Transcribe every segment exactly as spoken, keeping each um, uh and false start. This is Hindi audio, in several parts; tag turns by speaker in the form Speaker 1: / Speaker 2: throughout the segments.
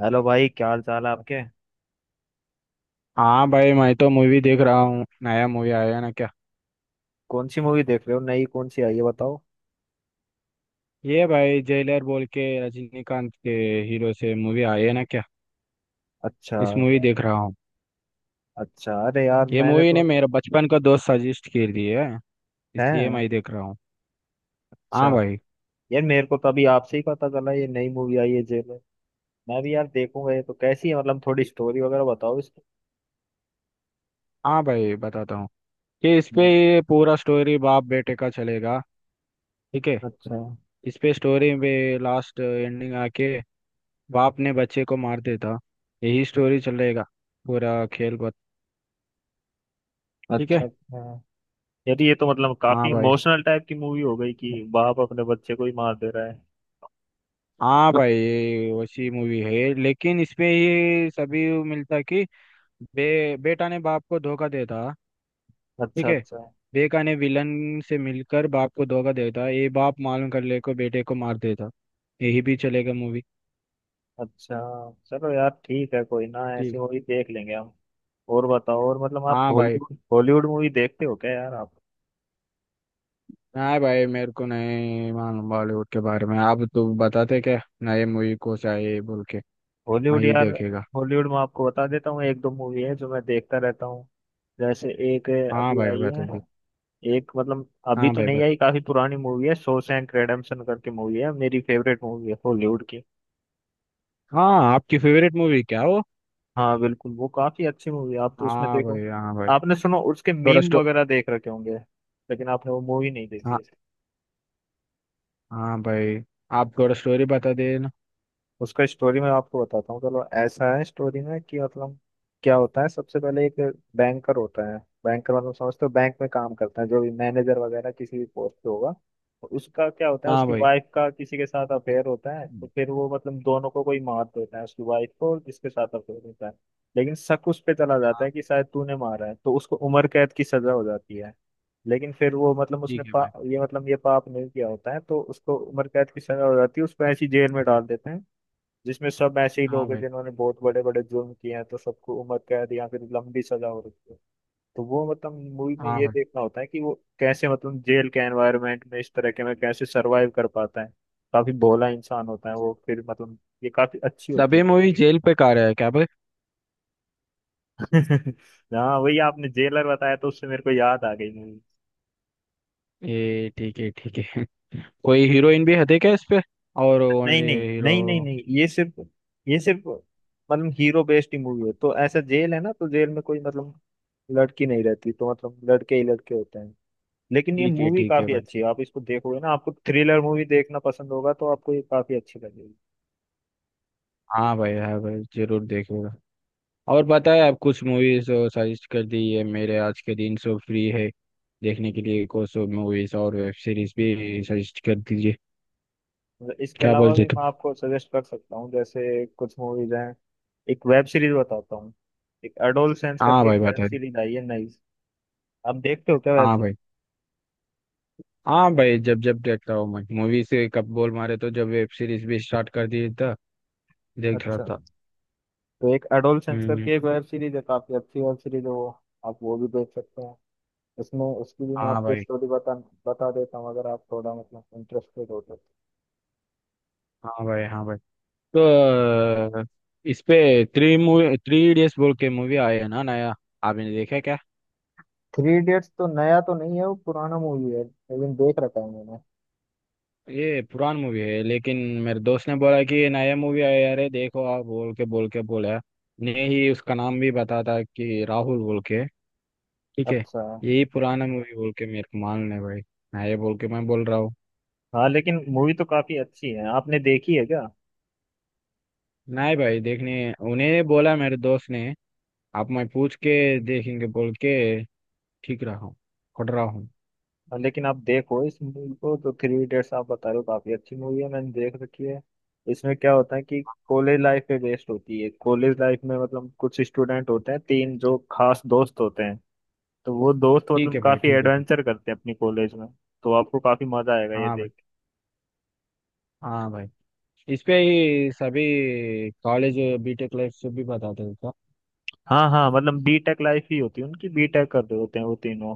Speaker 1: हेलो भाई, क्या हाल चाल है आपके।
Speaker 2: हाँ भाई। मैं तो मूवी देख रहा हूँ। नया मूवी आया है ना क्या।
Speaker 1: कौन सी मूवी देख रहे हो? नई कौन सी आई है, बताओ।
Speaker 2: ये भाई जेलर बोल के रजनीकांत के हीरो से मूवी आई है ना क्या।
Speaker 1: अच्छा।
Speaker 2: इस मूवी देख रहा हूँ।
Speaker 1: अच्छा। अरे यार,
Speaker 2: ये
Speaker 1: मैंने
Speaker 2: मूवी
Speaker 1: तो।
Speaker 2: ने मेरा बचपन का दोस्त सजेस्ट कर दी है, इसलिए
Speaker 1: है।
Speaker 2: मैं देख रहा हूँ।
Speaker 1: अच्छा।
Speaker 2: हाँ भाई।
Speaker 1: यार, मेरे को तो अभी आपसे ही पता चला ये नई मूवी आई है जेल। मैं भी यार देखूंगा ये तो। कैसी है मतलब? थोड़ी स्टोरी वगैरह बताओ इसकी।
Speaker 2: हाँ भाई, बताता हूँ कि इस पे
Speaker 1: हम्म।
Speaker 2: ये पूरा स्टोरी बाप बेटे का चलेगा। ठीक है।
Speaker 1: अच्छा
Speaker 2: इस पे स्टोरी में लास्ट एंडिंग आके बाप ने बच्चे को मार देता। यही स्टोरी चलेगा पूरा खेल पर। ठीक
Speaker 1: अच्छा।
Speaker 2: है।
Speaker 1: अच्छा। यार, ये तो मतलब
Speaker 2: हाँ
Speaker 1: काफी
Speaker 2: भाई।
Speaker 1: इमोशनल टाइप की मूवी हो गई कि बाप अपने बच्चे को ही मार दे रहा है।
Speaker 2: हाँ भाई, ये वैसी मूवी है, लेकिन इसमें ये सभी मिलता कि बे बेटा ने बाप को धोखा देता। ठीक
Speaker 1: अच्छा
Speaker 2: है।
Speaker 1: अच्छा।
Speaker 2: बेटा ने विलन से मिलकर बाप को धोखा देता, ये बाप मालूम कर ले को बेटे को मार देता। यही भी चलेगा मूवी।
Speaker 1: अच्छा। चलो यार, ठीक है। कोई ना, ऐसी
Speaker 2: ठीक।
Speaker 1: मूवी देख लेंगे हम। और बताओ। और मतलब आप
Speaker 2: हाँ भाई।
Speaker 1: हॉलीवुड हॉलीवुड मूवी देखते हो क्या यार आप?
Speaker 2: नहीं भाई, मेरे को नहीं मालूम बॉलीवुड के बारे में। आप तो बताते क्या नए मूवी को चाहिए बोल के। मैं
Speaker 1: हॉलीवुड
Speaker 2: ही
Speaker 1: यार।
Speaker 2: देखेगा।
Speaker 1: हॉलीवुड में आपको बता देता हूँ, एक दो मूवी है जो मैं देखता रहता हूँ। जैसे एक है,
Speaker 2: हाँ
Speaker 1: अभी
Speaker 2: भाई,
Speaker 1: आई
Speaker 2: बता
Speaker 1: है।
Speaker 2: दे।
Speaker 1: एक मतलब अभी
Speaker 2: हाँ
Speaker 1: तो
Speaker 2: भाई,
Speaker 1: नहीं आई,
Speaker 2: बता।
Speaker 1: काफी पुरानी मूवी है, शॉशैंक रिडेम्पशन करके मूवी है, मेरी फेवरेट मूवी है हॉलीवुड की।
Speaker 2: हाँ, आपकी फेवरेट मूवी क्या वो।
Speaker 1: हाँ बिल्कुल, वो काफी अच्छी मूवी है, आप तो उसमें
Speaker 2: हाँ
Speaker 1: देखो।
Speaker 2: भाई। हाँ भाई।
Speaker 1: आपने सुनो, उसके
Speaker 2: थोड़ा
Speaker 1: मीम
Speaker 2: स्टो
Speaker 1: वगैरह देख रखे होंगे। लेकिन आपने वो मूवी नहीं देखी।
Speaker 2: हाँ भाई। आप थोड़ा स्टोरी बता देना।
Speaker 1: उसका स्टोरी मैं आपको बताता हूँ, चलो। ऐसा है स्टोरी में कि मतलब, क्या होता है? सबसे पहले एक बैंकर होता है। बैंकर मतलब समझते हो, बैंक में काम करता है जो भी, मैनेजर वगैरह किसी भी पोस्ट पे होगा। तो उसका क्या होता है,
Speaker 2: हाँ
Speaker 1: उसकी
Speaker 2: भाई।
Speaker 1: वाइफ का किसी के साथ अफेयर होता है। तो
Speaker 2: हम्म।
Speaker 1: फिर वो मतलब दोनों को कोई मार देता है, उसकी वाइफ को और जिसके साथ अफेयर होता है। लेकिन शक उस पे चला जाता है
Speaker 2: हाँ।
Speaker 1: कि शायद तूने मारा है, तो उसको उम्र कैद की सजा हो जाती है। लेकिन फिर वो मतलब उसने
Speaker 2: ठीक है
Speaker 1: पा,
Speaker 2: भाई।
Speaker 1: ये मतलब ये पाप नहीं किया होता है, तो उसको उम्र कैद की सजा हो जाती है। उसको ऐसी जेल में डाल देते हैं जिसमें सब ऐसे ही
Speaker 2: हाँ
Speaker 1: लोग हैं
Speaker 2: भाई।
Speaker 1: जिन्होंने बहुत बड़े बड़े जुर्म किए हैं, तो सबको उम्र कैद या फिर लंबी सजा हो रखी है। तो वो मतलब मूवी में
Speaker 2: हाँ
Speaker 1: ये
Speaker 2: भाई।
Speaker 1: देखना होता है कि वो कैसे मतलब जेल के एनवायरनमेंट में, इस तरह के में कैसे सरवाइव कर पाता है। काफी भोला इंसान होता है वो, फिर मतलब, ये काफी अच्छी होती है
Speaker 2: सभी
Speaker 1: तो।
Speaker 2: मूवी जेल पे का रहा है क्या भाई।
Speaker 1: हाँ, वही आपने जेलर बताया तो उससे मेरे को याद आ गई मूवी।
Speaker 2: ये ठीक है। ठीक है। कोई हीरोइन भी हटे क्या इस पे। और
Speaker 1: नहीं
Speaker 2: ओनली
Speaker 1: नहीं
Speaker 2: हीरो।
Speaker 1: नहीं नहीं नहीं, ये सिर्फ ये सिर्फ मतलब हीरो बेस्ड ही मूवी है। तो ऐसा जेल है ना, तो जेल में कोई मतलब लड़की नहीं रहती, तो मतलब लड़के ही लड़के होते हैं। लेकिन ये
Speaker 2: ठीक है।
Speaker 1: मूवी
Speaker 2: ठीक है
Speaker 1: काफी
Speaker 2: भाई।
Speaker 1: अच्छी है, आप इसको देखोगे ना, आपको थ्रिलर मूवी देखना पसंद होगा तो आपको ये काफी अच्छी लगेगी।
Speaker 2: हाँ भाई। हाँ भाई, जरूर देखूंगा। और बताए आप कुछ मूवीज सजेस्ट कर दी है। मेरे आज के दिन सो फ्री है देखने के लिए। कुछ सो मूवीज और वेब सीरीज भी सजेस्ट कर दीजिए।
Speaker 1: मतलब इसके
Speaker 2: क्या
Speaker 1: अलावा
Speaker 2: बोलते
Speaker 1: भी
Speaker 2: तुम।
Speaker 1: मैं आपको सजेस्ट कर सकता हूँ, जैसे कुछ मूवीज हैं। एक वेब सीरीज बताता हूँ। एक एडोलसेंस
Speaker 2: हाँ
Speaker 1: करके एक
Speaker 2: भाई,
Speaker 1: वेब
Speaker 2: बताए।
Speaker 1: सीरीज आई है नई। आप देखते हो क्या वेब
Speaker 2: हाँ
Speaker 1: सीरीज?
Speaker 2: भाई। हाँ भाई, जब जब देखता हूँ मैं मूवी से कब बोल मारे तो जब वेब सीरीज भी स्टार्ट कर दी था। देख रहा
Speaker 1: अच्छा।
Speaker 2: था।
Speaker 1: तो एक एडोलसेंस
Speaker 2: हम्म।
Speaker 1: करके एक वेब सीरीज है, काफी अच्छी वेब सीरीज है वो। आप वो भी देख सकते हैं। उसमें उसकी भी मैं
Speaker 2: हाँ
Speaker 1: आपको
Speaker 2: भाई।
Speaker 1: स्टोरी बता बता देता हूँ अगर आप थोड़ा मतलब इंटरेस्टेड हो तो।
Speaker 2: हाँ भाई। हाँ भाई। तो अ, इस पे थ्री मूवी थ्री इडियट्स बोल के मूवी आई है ना नया। आपने देखा क्या।
Speaker 1: थ्री इडियट्स तो नया तो नहीं है, वो पुराना मूवी है, लेकिन देख रखा है मैंने।
Speaker 2: ये पुरान मूवी है, लेकिन मेरे दोस्त ने बोला कि ये नया मूवी आया है, अरे देखो आप बोल के बोल के बोला ने ही उसका नाम भी बता था कि राहुल बोल के। ठीक है।
Speaker 1: अच्छा।
Speaker 2: यही पुराना मूवी बोल के मेरे को मान ले भाई, नया बोल के मैं बोल रहा हूँ।
Speaker 1: हाँ, लेकिन मूवी तो काफी अच्छी है, आपने देखी है क्या? हाँ।
Speaker 2: नहीं भाई, देखने उन्हें बोला मेरे दोस्त ने। आप मैं पूछ के देखेंगे बोल के ठीक रहा हूँ। खट रहा हूँ।
Speaker 1: लेकिन आप देखो इस मूवी को, तो थ्री इडियट्स आप बता रहे हो, काफी अच्छी मूवी है, मैंने देख रखी है। इसमें क्या होता है कि कॉलेज लाइफ पे बेस्ड होती है। कॉलेज लाइफ में मतलब कुछ स्टूडेंट होते हैं तीन, जो खास दोस्त होते हैं। तो वो दोस्त
Speaker 2: ठीक
Speaker 1: मतलब
Speaker 2: है भाई।
Speaker 1: काफी
Speaker 2: ठीक है भाई।
Speaker 1: एडवेंचर करते हैं अपनी कॉलेज में। तो आपको काफी मजा आएगा ये
Speaker 2: हाँ भाई।
Speaker 1: देख।
Speaker 2: हाँ भाई। इस पे ही सभी कॉलेज बीटेक लाइफ से भी बताते थे।
Speaker 1: हाँ हाँ, मतलब बीटेक लाइफ ही होती है उनकी, बीटेक कर रहे होते हैं वो तीनों।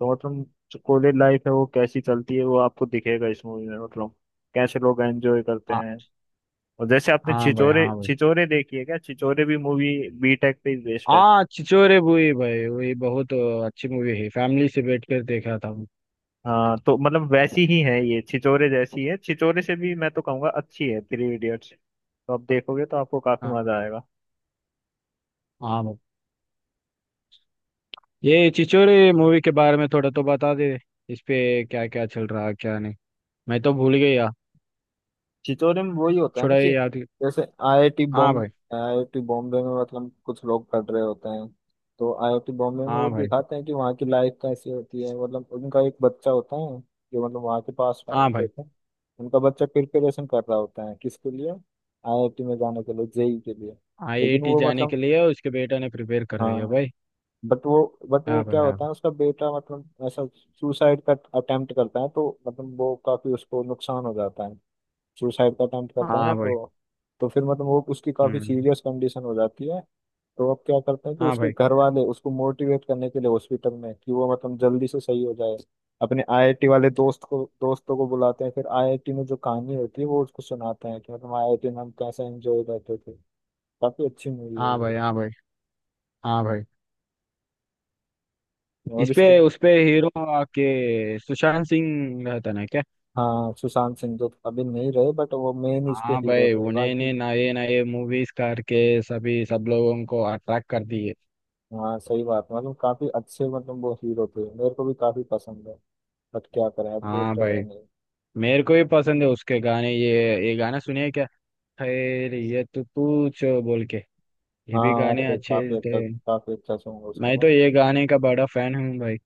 Speaker 1: तो मतलब, जो कॉलेज लाइफ है वो कैसी चलती है, वो आपको दिखेगा इस मूवी में मतलब, कैसे लोग एंजॉय करते
Speaker 2: हाँ।
Speaker 1: हैं। और जैसे आपने
Speaker 2: हाँ भाई।
Speaker 1: छिचोरे
Speaker 2: हाँ भाई।
Speaker 1: छिचोरे देखी है क्या? छिचोरे भी मूवी बीटेक पे ही बेस्ड है।
Speaker 2: हाँ छिछोरे बूढ़ी भाई वही बहुत अच्छी मूवी है। फैमिली से बैठ कर देखा था मैं।
Speaker 1: हाँ, तो मतलब वैसी ही है, ये छिचोरे जैसी है। छिचोरे से भी मैं तो कहूँगा अच्छी है थ्री इडियट्स, तो आप देखोगे तो आपको काफी
Speaker 2: हाँ।
Speaker 1: मजा आएगा।
Speaker 2: हाँ भाई। ये छिछोरे मूवी के बारे में थोड़ा तो बता दे। इस पे क्या क्या चल रहा क्या नहीं, मैं तो भूल गया।
Speaker 1: छितौरी में वही होता है ना
Speaker 2: थोड़ा ये
Speaker 1: कि
Speaker 2: याद।
Speaker 1: जैसे आईआईटी
Speaker 2: हाँ
Speaker 1: बॉम्बे।
Speaker 2: भाई।
Speaker 1: आईआईटी बॉम्बे में मतलब कुछ लोग पढ़ रहे होते हैं। तो आईआईटी बॉम्बे में वो
Speaker 2: हाँ भाई।
Speaker 1: दिखाते हैं कि वहाँ की लाइफ कैसी होती है, मतलब उनका एक बच्चा होता है जो मतलब वहाँ के पास
Speaker 2: हाँ
Speaker 1: आउट
Speaker 2: भाई।
Speaker 1: होता है। उनका बच्चा प्रिपरेशन कर रहा होता है किसके लिए, आईआईटी में जाने के लिए, जेई के लिए। लेकिन
Speaker 2: आईआईटी
Speaker 1: वो
Speaker 2: जाने के
Speaker 1: मतलब,
Speaker 2: लिए उसके बेटा ने प्रिपेयर कर दिया
Speaker 1: हाँ।
Speaker 2: भाई।
Speaker 1: बट वो बट वो
Speaker 2: हाँ भाई।
Speaker 1: क्या
Speaker 2: हाँ।
Speaker 1: होता है उसका बेटा मतलब ऐसा सुसाइड का अटेम्प्ट करता है, तो मतलब वो काफी उसको नुकसान हो जाता है। सुसाइड का अटेम्प्ट करता है ना
Speaker 2: हाँ भाई।
Speaker 1: तो। तो फिर मतलब वो उसकी काफी
Speaker 2: हम्म।
Speaker 1: सीरियस कंडीशन हो जाती है। तो अब क्या करते हैं कि
Speaker 2: हाँ
Speaker 1: उसके
Speaker 2: भाई।
Speaker 1: घर वाले उसको मोटिवेट करने के लिए हॉस्पिटल में, कि वो मतलब जल्दी से सही हो जाए, अपने आईआईटी वाले दोस्त को दोस्तों को बुलाते हैं। फिर आईआईटी में जो कहानी होती है वो उसको सुनाते हैं कि मतलब आईआईटी में हम कैसे एंजॉय करते थे। काफी अच्छी मूवी है
Speaker 2: हाँ भाई।
Speaker 1: ये।
Speaker 2: हाँ भाई। हाँ भाई,
Speaker 1: और
Speaker 2: इस
Speaker 1: इसके,
Speaker 2: पे उस पे हीरो के सुशांत सिंह रहता ना क्या।
Speaker 1: हाँ सुशांत सिंह तो अभी नहीं रहे, बट वो मेन इसके
Speaker 2: हाँ
Speaker 1: हीरो
Speaker 2: भाई,
Speaker 1: थे बाकी।
Speaker 2: उन्होंने नए नए मूवीज करके सभी सब लोगों को अट्रैक्ट कर दिए।
Speaker 1: हाँ सही बात, मतलब काफी अच्छे मतलब वो हीरो थे, मेरे को भी काफी पसंद है। बट क्या करें, अब देख
Speaker 2: हाँ
Speaker 1: रहे हैं
Speaker 2: भाई,
Speaker 1: नहीं।
Speaker 2: मेरे को भी पसंद है उसके गाने। ये ये गाना सुनिए क्या। खैरियत पूछो बोल के, ये भी
Speaker 1: हाँ,
Speaker 2: गाने
Speaker 1: अरे
Speaker 2: अच्छे
Speaker 1: काफी
Speaker 2: थे।
Speaker 1: अच्छा काफी अच्छा सॉन्ग है उसका
Speaker 2: मैं
Speaker 1: बट।
Speaker 2: तो ये गाने का बड़ा फैन हूँ भाई।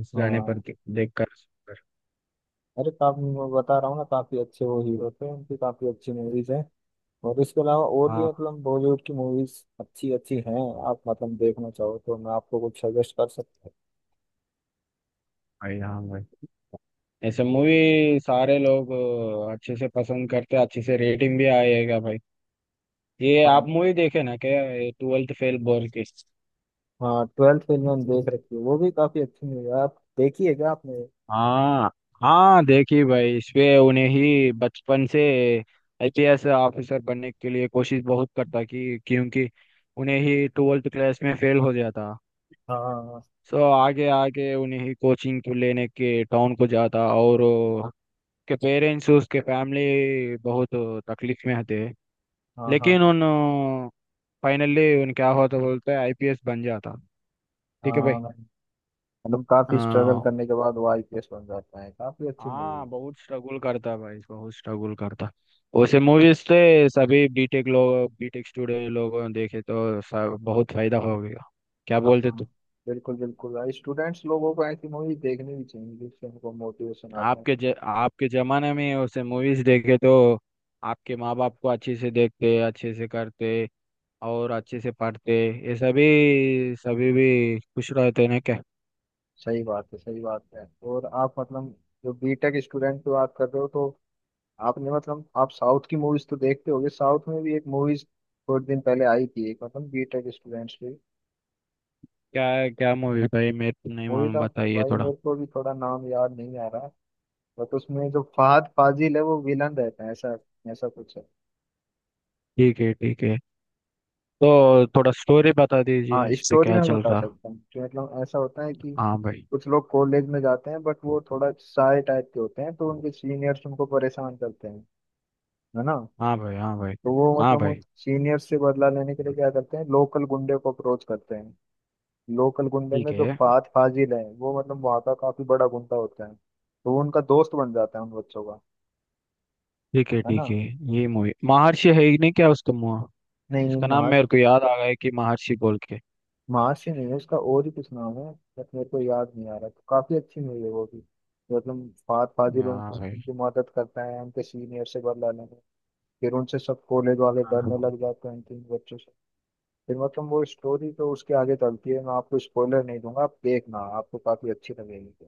Speaker 2: इस गाने पर
Speaker 1: हाँ,
Speaker 2: के- देख कर सुनकर।
Speaker 1: अरे काफी, मैं बता रहा हूँ ना, काफी अच्छे वो हीरो थे, उनकी काफी अच्छी मूवीज हैं। और इसके अलावा और भी
Speaker 2: हाँ
Speaker 1: मतलब बॉलीवुड की मूवीज अच्छी अच्छी हैं। आप मतलब देखना चाहो तो मैं आपको कुछ सजेस्ट कर सकता हूँ।
Speaker 2: भाई। हाँ भाई। ऐसे मूवी सारे लोग अ, अच्छे से पसंद करते, अच्छे से रेटिंग भी आएगा भाई। ये
Speaker 1: हाँ।
Speaker 2: आप मूवी देखे ना क्या। ट्वेल्थ फेल बोल के।
Speaker 1: हाँ, ट्वेल्थ फेल मैंने देख रखी है, वो भी काफी अच्छी मूवी है, आप देखी है क्या आपने?
Speaker 2: हाँ। हाँ देखी भाई, इसपे उन्हें ही बचपन से आईपीएस ऑफिसर बनने के लिए कोशिश बहुत करता कि, क्योंकि उन्हें ही ट्वेल्थ क्लास में फेल हो जाता।
Speaker 1: हाँ हाँ।
Speaker 2: सो आगे आगे उन्हें ही कोचिंग को लेने के टाउन को जाता और उसके पेरेंट्स उसके फैमिली बहुत तकलीफ में थे।
Speaker 1: हाँ हाँ
Speaker 2: लेकिन
Speaker 1: हाँ।
Speaker 2: उन फाइनली उन क्या होता बोलते हैं आईपीएस बन जाता। ठीक है भाई।
Speaker 1: हाँ, हाँ, मतलब काफी स्ट्रगल
Speaker 2: हाँ।
Speaker 1: करने के बाद वो आईपीएस बन जाता है, काफी अच्छी मूवी
Speaker 2: हाँ
Speaker 1: है।
Speaker 2: बहुत स्ट्रगल करता भाई, बहुत स्ट्रगल करता। उसे मूवीज से सभी बीटेक लोग बीटेक स्टूडेंट लोगों ने देखे तो सब बहुत फायदा हो गया। क्या बोलते
Speaker 1: हाँ,
Speaker 2: तू।
Speaker 1: बिल्कुल बिल्कुल भाई, स्टूडेंट्स लोगों को ऐसी मूवी देखनी भी चाहिए जिससे उनको मोटिवेशन आता है।
Speaker 2: आपके ज, आपके जमाने में उसे मूवीज देखे तो आपके माँ बाप को अच्छे से देखते, अच्छे से करते और अच्छे से पढ़ते, ये सभी सभी भी खुश रहते हैं ना क्या।
Speaker 1: सही बात है, सही बात है। और आप मतलब, जो बीटेक स्टूडेंट की बात कर रहे हो तो, आपने मतलब आप साउथ की मूवीज तो देखते होगे, साउथ में भी एक मूवीज थोड़े दिन पहले आई थी एक, मतलब बीटेक स्टूडेंट्स की
Speaker 2: क्या क्या मूवी भाई मैं तो नहीं
Speaker 1: मूवी
Speaker 2: मालूम,
Speaker 1: का।
Speaker 2: बताइए
Speaker 1: भाई
Speaker 2: थोड़ा।
Speaker 1: मेरे को भी थोड़ा नाम याद नहीं आ रहा, बट उसमें जो फहद फाजिल है, वो विलन रहता है, ऐसा ऐसा कुछ है।
Speaker 2: ठीक है। ठीक है। तो थोड़ा स्टोरी बता
Speaker 1: हाँ,
Speaker 2: दीजिए इससे
Speaker 1: स्टोरी
Speaker 2: क्या
Speaker 1: में
Speaker 2: चल
Speaker 1: बता
Speaker 2: रहा।
Speaker 1: सकता हूँ कि मतलब ऐसा होता है कि
Speaker 2: हाँ भाई।
Speaker 1: कुछ लोग कॉलेज में जाते हैं, बट वो थोड़ा शाय टाइप के होते हैं, तो उनके सीनियर्स उनको परेशान करते हैं, है ना।
Speaker 2: हाँ भाई। हाँ भाई।
Speaker 1: तो वो
Speaker 2: हाँ
Speaker 1: मतलब उन
Speaker 2: भाई।
Speaker 1: सीनियर्स से बदला लेने के लिए क्या करते हैं, लोकल गुंडे को अप्रोच करते हैं। लोकल गुंडे में
Speaker 2: ठीक
Speaker 1: जो
Speaker 2: है।
Speaker 1: फात फाजिल है, वो मतलब वहाँ का काफी बड़ा गुंडा होता है, तो वो उनका दोस्त बन जाता है उन बच्चों का,
Speaker 2: ठीक है।
Speaker 1: है ना।
Speaker 2: ठीक है। ये मूवी महर्षि है ही नहीं क्या, उसका मुँह।
Speaker 1: नहीं,
Speaker 2: इसका नाम मेरे को याद आ गया है कि महर्षि बोल के।
Speaker 1: माँ से नहीं है उसका, और ही कुछ नाम है। बट मेरे को याद नहीं आ रहा, तो काफी अच्छी मूवी है वो भी। मतलब फाद फाजिल
Speaker 2: हाँ
Speaker 1: उनकी
Speaker 2: भाई।
Speaker 1: उनकी मदद करता है उनके सीनियर से बदला लेने में। फिर उनसे सब कॉलेज वाले
Speaker 2: हाँ।
Speaker 1: डरने लग जाते हैं, उनके इन बच्चों से। फिर मतलब वो स्टोरी तो उसके आगे चलती है, मैं आपको स्पॉइलर नहीं दूंगा। आप देखना, आपको काफी अच्छी लगेगी।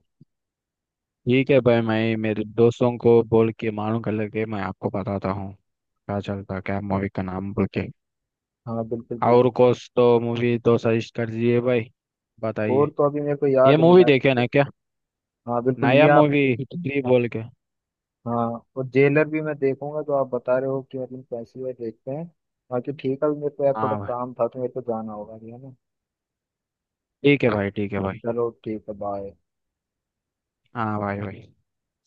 Speaker 2: ठीक है भाई, मैं मेरे दोस्तों को बोल के मालूम कर लेके मैं आपको बताता हूँ क्या चलता क्या मूवी का नाम बोल के।
Speaker 1: हाँ बिल्कुल
Speaker 2: और
Speaker 1: बिल्कुल।
Speaker 2: कुछ तो मूवी तो सजेस्ट कर दीजिए भाई,
Speaker 1: और
Speaker 2: बताइए।
Speaker 1: तो अभी मेरे को
Speaker 2: ये
Speaker 1: याद नहीं
Speaker 2: मूवी
Speaker 1: आती
Speaker 2: देखे
Speaker 1: but।
Speaker 2: ना क्या,
Speaker 1: हाँ बिल्कुल, ये
Speaker 2: नया
Speaker 1: आप
Speaker 2: मूवी हिट
Speaker 1: देखना।
Speaker 2: थ्री बोल के।
Speaker 1: हाँ। और जेलर भी मैं देखूंगा, तो आप बता रहे हो कि मतलब कैसी है, देखते हैं। बाकी ठीक है, अभी मेरे को यार थोड़ा
Speaker 2: हाँ भाई।
Speaker 1: काम था, तो मेरे को जाना होगा, ठीक है ना।
Speaker 2: ठीक है भाई। ठीक है भाई।
Speaker 1: चलो ठीक है, बाय।
Speaker 2: हाँ भाई भाई।